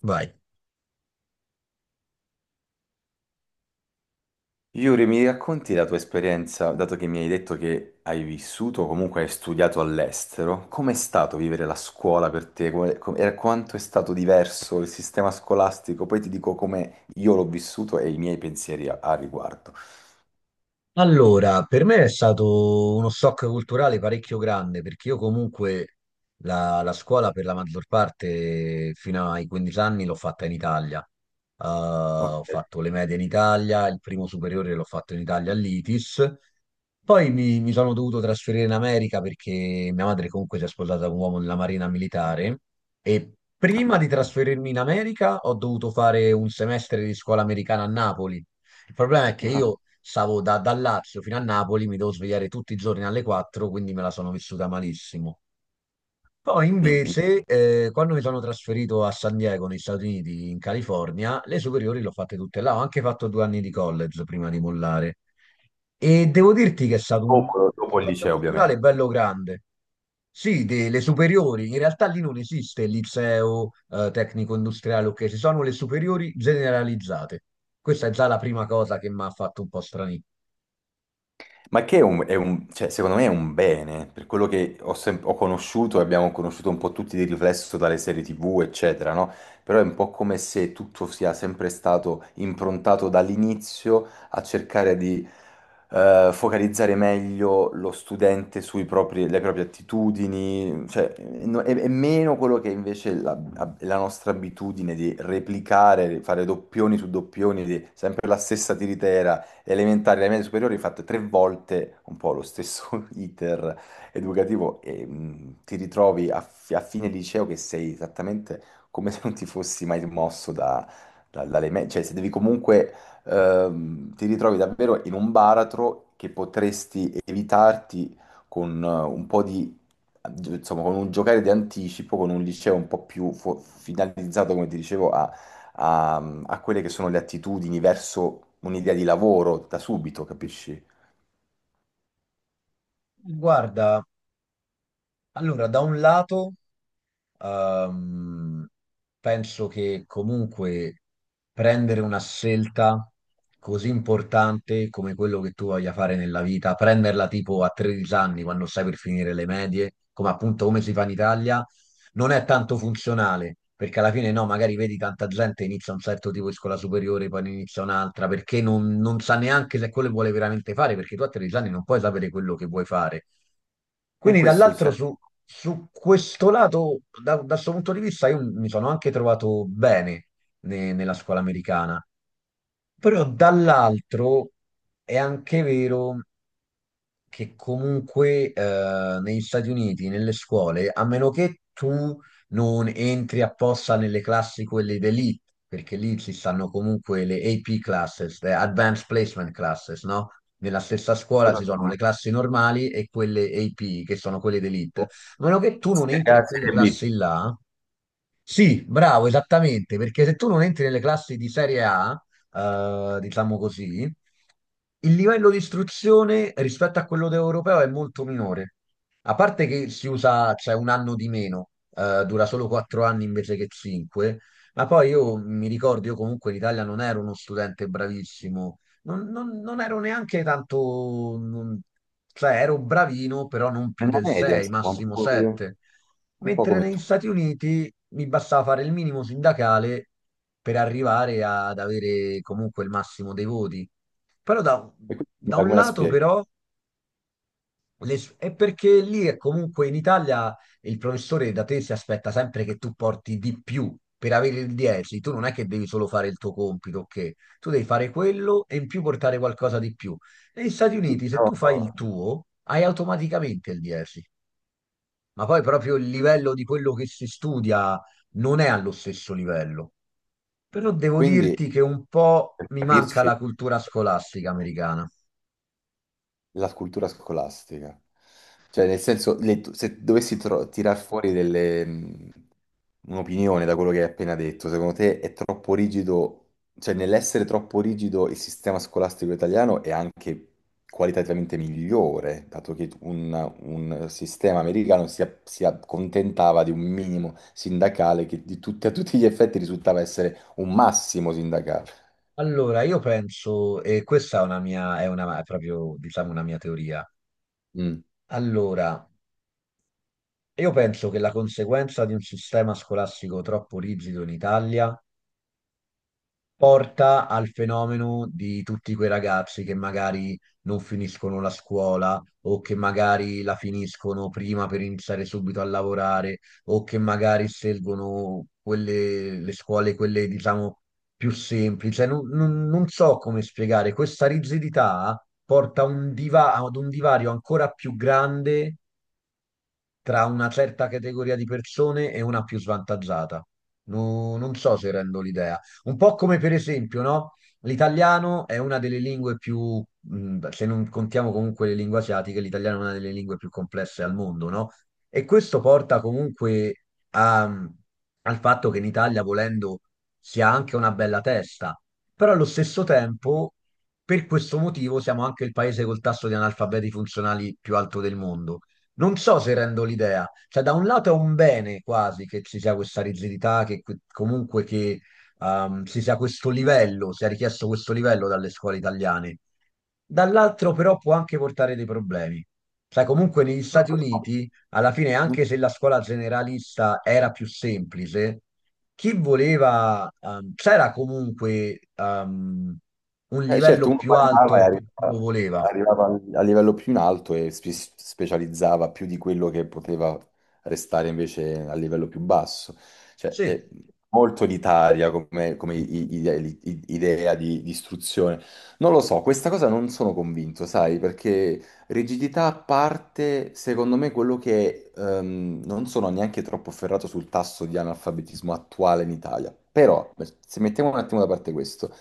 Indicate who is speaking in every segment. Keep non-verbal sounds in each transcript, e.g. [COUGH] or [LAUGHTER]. Speaker 1: Vai.
Speaker 2: Yuri, mi racconti la tua esperienza, dato che mi hai detto che hai vissuto, o comunque hai studiato all'estero, com'è stato vivere la scuola per te? Quanto è stato diverso il sistema scolastico? Poi ti dico come io l'ho vissuto e i miei pensieri a riguardo.
Speaker 1: Allora, per me è stato uno shock culturale parecchio grande perché io comunque la scuola per la maggior parte fino ai 15 anni l'ho fatta in Italia.
Speaker 2: Ok.
Speaker 1: Ho fatto le medie in Italia, il primo superiore l'ho fatto in Italia all'ITIS. Poi mi sono dovuto trasferire in America perché mia madre comunque si è sposata con un uomo nella marina militare e prima di trasferirmi in America ho dovuto fare un semestre di scuola americana a Napoli. Il problema è che
Speaker 2: Ah,
Speaker 1: io stavo dal Lazio fino a Napoli, mi devo svegliare tutti i giorni alle 4, quindi me la sono vissuta malissimo. Poi
Speaker 2: mi- mi-
Speaker 1: invece, quando mi sono trasferito a San Diego, negli Stati Uniti, in California, le superiori le ho fatte tutte là. Ho anche fatto 2 anni di college prima di mollare. E devo dirti che è stato un
Speaker 2: dopo, dopo il
Speaker 1: shock
Speaker 2: liceo,
Speaker 1: culturale
Speaker 2: ovviamente.
Speaker 1: bello grande. Sì, delle superiori, in realtà lì non esiste il liceo, tecnico industriale, ok, ci sono le superiori generalizzate. Questa è già la prima cosa che mi ha fatto un po' strani.
Speaker 2: Ma che è è cioè, secondo me è un bene, per quello che ho, ho conosciuto e abbiamo conosciuto un po' tutti di riflesso dalle serie TV, eccetera, no? Però è un po' come se tutto sia sempre stato improntato dall'inizio a cercare di focalizzare meglio lo studente sulle proprie attitudini, cioè è meno quello che invece la nostra abitudine di replicare, fare doppioni su doppioni, di sempre la stessa tiritera, le elementari e le medie superiori ho fatto tre volte un po' lo stesso [LAUGHS] iter educativo e ti ritrovi a fine liceo che sei esattamente come se non ti fossi mai mosso dalle medie, cioè se devi comunque ti ritrovi davvero in un baratro che potresti evitarti con un po' di, insomma, con un giocare di anticipo, con un liceo un po' più finalizzato, come ti dicevo, a, a quelle che sono le attitudini verso un'idea di lavoro da subito, capisci?
Speaker 1: Guarda, allora, da un lato Ehm, penso che comunque prendere una scelta così importante come quello che tu voglia fare nella vita, prenderla tipo a 13 anni quando stai per finire le medie, come appunto come si fa in Italia, non è tanto funzionale. Perché alla fine no, magari vedi tanta gente inizia un certo tipo di scuola superiore, poi ne inizia un'altra, perché non sa neanche se quello che vuole veramente fare, perché tu a 13 anni non puoi sapere quello che vuoi fare.
Speaker 2: E
Speaker 1: Quindi
Speaker 2: questo,
Speaker 1: dall'altro
Speaker 2: cioè,
Speaker 1: su, su questo lato, da questo punto di vista, io mi sono anche trovato bene nella scuola americana, però dall'altro è anche vero che comunque negli Stati Uniti, nelle scuole, a meno che tu non entri apposta nelle classi quelle d'elite, perché lì ci stanno comunque le AP classes, le Advanced Placement classes, no? Nella stessa scuola ci sono
Speaker 2: Serie
Speaker 1: le classi normali e quelle AP, che sono quelle d'elite. A meno che tu non entri
Speaker 2: A,
Speaker 1: in quelle
Speaker 2: Serie B,
Speaker 1: classi là, sì, bravo, esattamente, perché se tu non entri nelle classi di serie A, diciamo così, il livello di istruzione rispetto a quello europeo è molto minore. A parte che si usa, c'è un anno di meno, dura solo 4 anni invece che 5, ma poi io mi ricordo, io comunque in Italia non ero uno studente bravissimo, non ero neanche tanto, cioè ero bravino, però non più
Speaker 2: nella
Speaker 1: del
Speaker 2: media,
Speaker 1: 6,
Speaker 2: insomma,
Speaker 1: massimo 7.
Speaker 2: un po'
Speaker 1: Mentre
Speaker 2: come
Speaker 1: negli
Speaker 2: tu.
Speaker 1: Stati Uniti mi bastava fare il minimo sindacale per arrivare ad avere comunque il massimo dei voti. Però da,
Speaker 2: E quindi come
Speaker 1: da
Speaker 2: la
Speaker 1: un
Speaker 2: come la
Speaker 1: lato
Speaker 2: spieghi?
Speaker 1: però è perché lì è comunque in Italia il professore da te si aspetta sempre che tu porti di più per avere il 10. Tu non è che devi solo fare il tuo compito, ok? Tu devi fare quello e in più portare qualcosa di più. Negli Stati
Speaker 2: Sì,
Speaker 1: Uniti se
Speaker 2: però,
Speaker 1: tu fai il tuo hai automaticamente il 10, ma poi proprio il livello di quello che si studia non è allo stesso livello. Però devo
Speaker 2: quindi,
Speaker 1: dirti che un po'
Speaker 2: per
Speaker 1: mi manca
Speaker 2: capirci,
Speaker 1: la cultura scolastica americana.
Speaker 2: la cultura scolastica. Cioè, nel senso, se dovessi tirar fuori delle, un'opinione da quello che hai appena detto, secondo te è troppo rigido, cioè nell'essere troppo rigido il sistema scolastico italiano è anche qualitativamente migliore, dato che un sistema americano si, si accontentava di un minimo sindacale che di tutti, a tutti gli effetti risultava essere un massimo sindacale.
Speaker 1: Allora, io penso, e questa è una mia, è una, è proprio, diciamo, una mia teoria.
Speaker 2: Mm.
Speaker 1: Allora, io penso che la conseguenza di un sistema scolastico troppo rigido in Italia porta al fenomeno di tutti quei ragazzi che magari non finiscono la scuola o che magari la finiscono prima per iniziare subito a lavorare o che magari scelgono quelle, le scuole, quelle diciamo più semplici. Cioè, non so come spiegare, questa rigidità porta a ad un divario ancora più grande tra una certa categoria di persone e una più svantaggiata. Non so se rendo l'idea. Un po' come per esempio, no? L'italiano è una delle lingue più, se non contiamo comunque le lingue asiatiche, l'italiano è una delle lingue più complesse al mondo, no? E questo porta comunque a- al fatto che in Italia, volendo, si ha anche una bella testa, però allo stesso tempo, per questo motivo, siamo anche il paese col tasso di analfabeti funzionali più alto del mondo. Non so se rendo l'idea, cioè da un lato è un bene quasi che ci sia questa rigidità, comunque che ci sia questo livello, sia richiesto questo livello dalle scuole italiane, dall'altro però può anche portare dei problemi. Cioè comunque negli
Speaker 2: Non
Speaker 1: Stati
Speaker 2: lo
Speaker 1: Uniti, alla fine,
Speaker 2: so.
Speaker 1: anche se la scuola generalista era più semplice, chi voleva, c'era comunque un
Speaker 2: Certo,
Speaker 1: livello
Speaker 2: uno
Speaker 1: più
Speaker 2: parlava e
Speaker 1: alto per chi lo voleva.
Speaker 2: arrivava a livello più in alto e specializzava più di quello che poteva restare invece a livello più basso. Cioè,
Speaker 1: Sì,
Speaker 2: è molto elitaria come, come idea di istruzione. Non lo so, questa cosa non sono convinto, sai, perché, rigidità a parte, secondo me quello che non sono neanche troppo ferrato sul tasso di analfabetismo attuale in Italia, però se mettiamo un attimo da parte questo,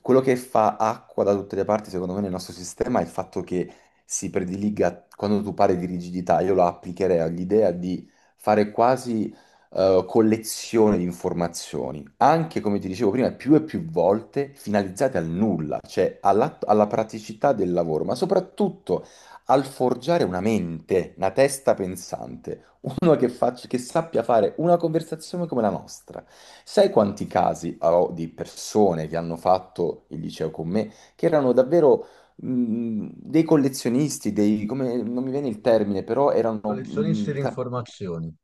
Speaker 2: quello che fa acqua da tutte le parti, secondo me, nel nostro sistema è il fatto che si prediliga, quando tu parli di rigidità, io la applicherei all'idea di fare quasi collezione di informazioni, anche come ti dicevo prima, più e più volte finalizzate al nulla, cioè alla praticità del lavoro, ma soprattutto al forgiare una mente, una testa pensante, uno che, che sappia fare una conversazione come la nostra. Sai quanti casi ho di persone che hanno fatto il liceo con me, che erano davvero dei collezionisti, dei, come, non mi viene il termine, però erano
Speaker 1: collezionisti di informazioni.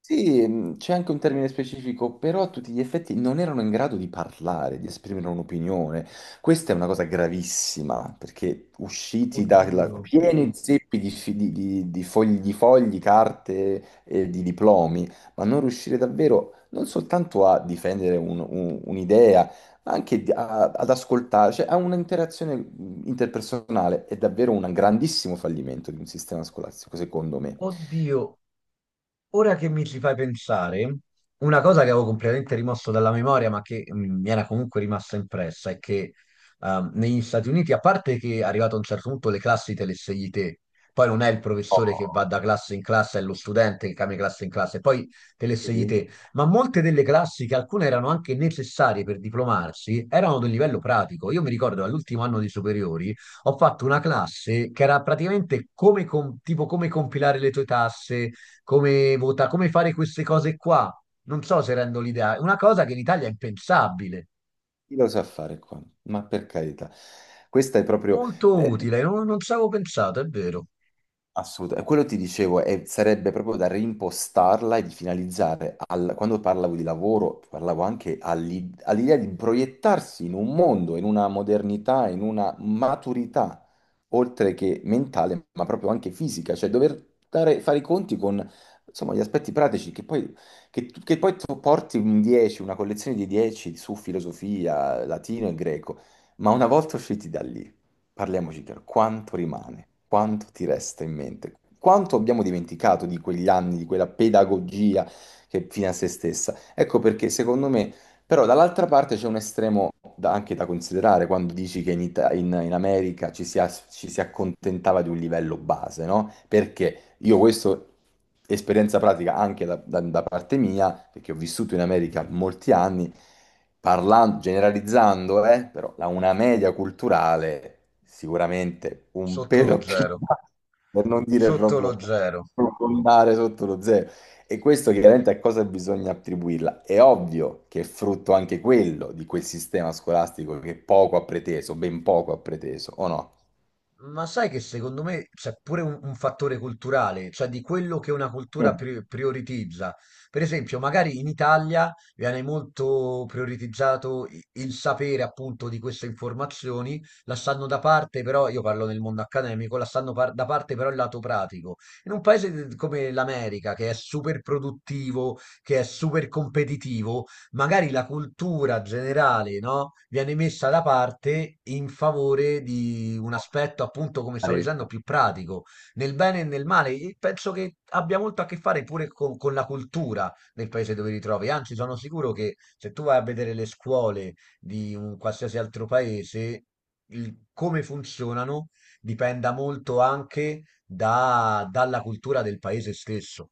Speaker 2: sì, c'è anche un termine specifico, però a tutti gli effetti non erano in grado di parlare, di esprimere un'opinione. Questa è una cosa gravissima, perché usciti da
Speaker 1: Oddio,
Speaker 2: pieni zeppi di, di fogli, carte e di diplomi, ma non riuscire davvero non soltanto a difendere un'idea, ma anche ad ascoltare, cioè a un'interazione interpersonale, è davvero un grandissimo fallimento di un sistema scolastico, secondo me.
Speaker 1: oddio. Ora che mi ci fai pensare, una cosa che avevo completamente rimosso dalla memoria, ma che mm, mi era comunque rimasta impressa, è che negli Stati Uniti, a parte che è arrivato a un certo punto le classi te le scegli te, poi non è il professore che va
Speaker 2: Oh,
Speaker 1: da classe in classe, è lo studente che cambia classe in classe, poi te le scegli
Speaker 2: vedi?
Speaker 1: te, ma molte delle classi, che alcune erano anche necessarie per diplomarsi, erano del livello pratico. Io mi ricordo all'ultimo anno di superiori ho fatto una classe che era praticamente tipo come compilare le tue tasse, come vota, come fare queste cose qua. Non so se rendo l'idea. È una cosa che in Italia è impensabile.
Speaker 2: Chi lo sa fare qua? Ma per carità, questa è proprio...
Speaker 1: Molto
Speaker 2: eh,
Speaker 1: utile, non ci avevo pensato, è vero.
Speaker 2: assolutamente, quello ti dicevo, sarebbe proprio da reimpostarla e di finalizzare, quando parlavo di lavoro, parlavo anche all'idea di proiettarsi in un mondo, in una modernità, in una maturità, oltre che mentale, ma proprio anche fisica, cioè dover fare i conti con, insomma, gli aspetti pratici che poi, che poi tu porti un 10, una collezione di 10 su filosofia, latino e greco, ma una volta usciti da lì, parliamoci chiaro, quanto rimane? Quanto ti resta in mente? Quanto abbiamo dimenticato di quegli anni, di quella pedagogia che è fine a se stessa? Ecco perché, secondo me, però dall'altra parte c'è un estremo anche da considerare quando dici che in, in America ci si, ci si accontentava di un livello base, no? Perché? Io questo, esperienza pratica anche da parte mia, perché ho vissuto in America molti anni, parlando, generalizzando, però una media culturale sicuramente un
Speaker 1: Sotto lo
Speaker 2: pelo più
Speaker 1: zero.
Speaker 2: bassa, per non dire
Speaker 1: Sotto
Speaker 2: proprio
Speaker 1: lo zero.
Speaker 2: profondare sotto lo zero. E questo chiaramente a cosa bisogna attribuirla? È ovvio che è frutto anche quello di quel sistema scolastico che poco ha preteso, ben poco ha preteso, o no?
Speaker 1: Ma sai che secondo me c'è pure un fattore culturale, cioè di quello che una cultura prioritizza. Per esempio, magari in Italia viene molto prioritizzato il sapere appunto di queste informazioni, lasciando da parte però, io parlo nel mondo accademico, lasciando da parte però il lato pratico. In un paese come l'America, che è super produttivo, che è super competitivo, magari la cultura generale, no, viene messa da parte in favore di un aspetto, appunto, come stavo dicendo,
Speaker 2: Sì.
Speaker 1: più pratico, nel bene e nel male. E penso che abbia molto a che fare pure con la cultura del paese dove ti trovi. Anzi, sono sicuro che se tu vai a vedere le scuole di un qualsiasi altro paese, come funzionano dipenda molto anche dalla cultura del paese stesso.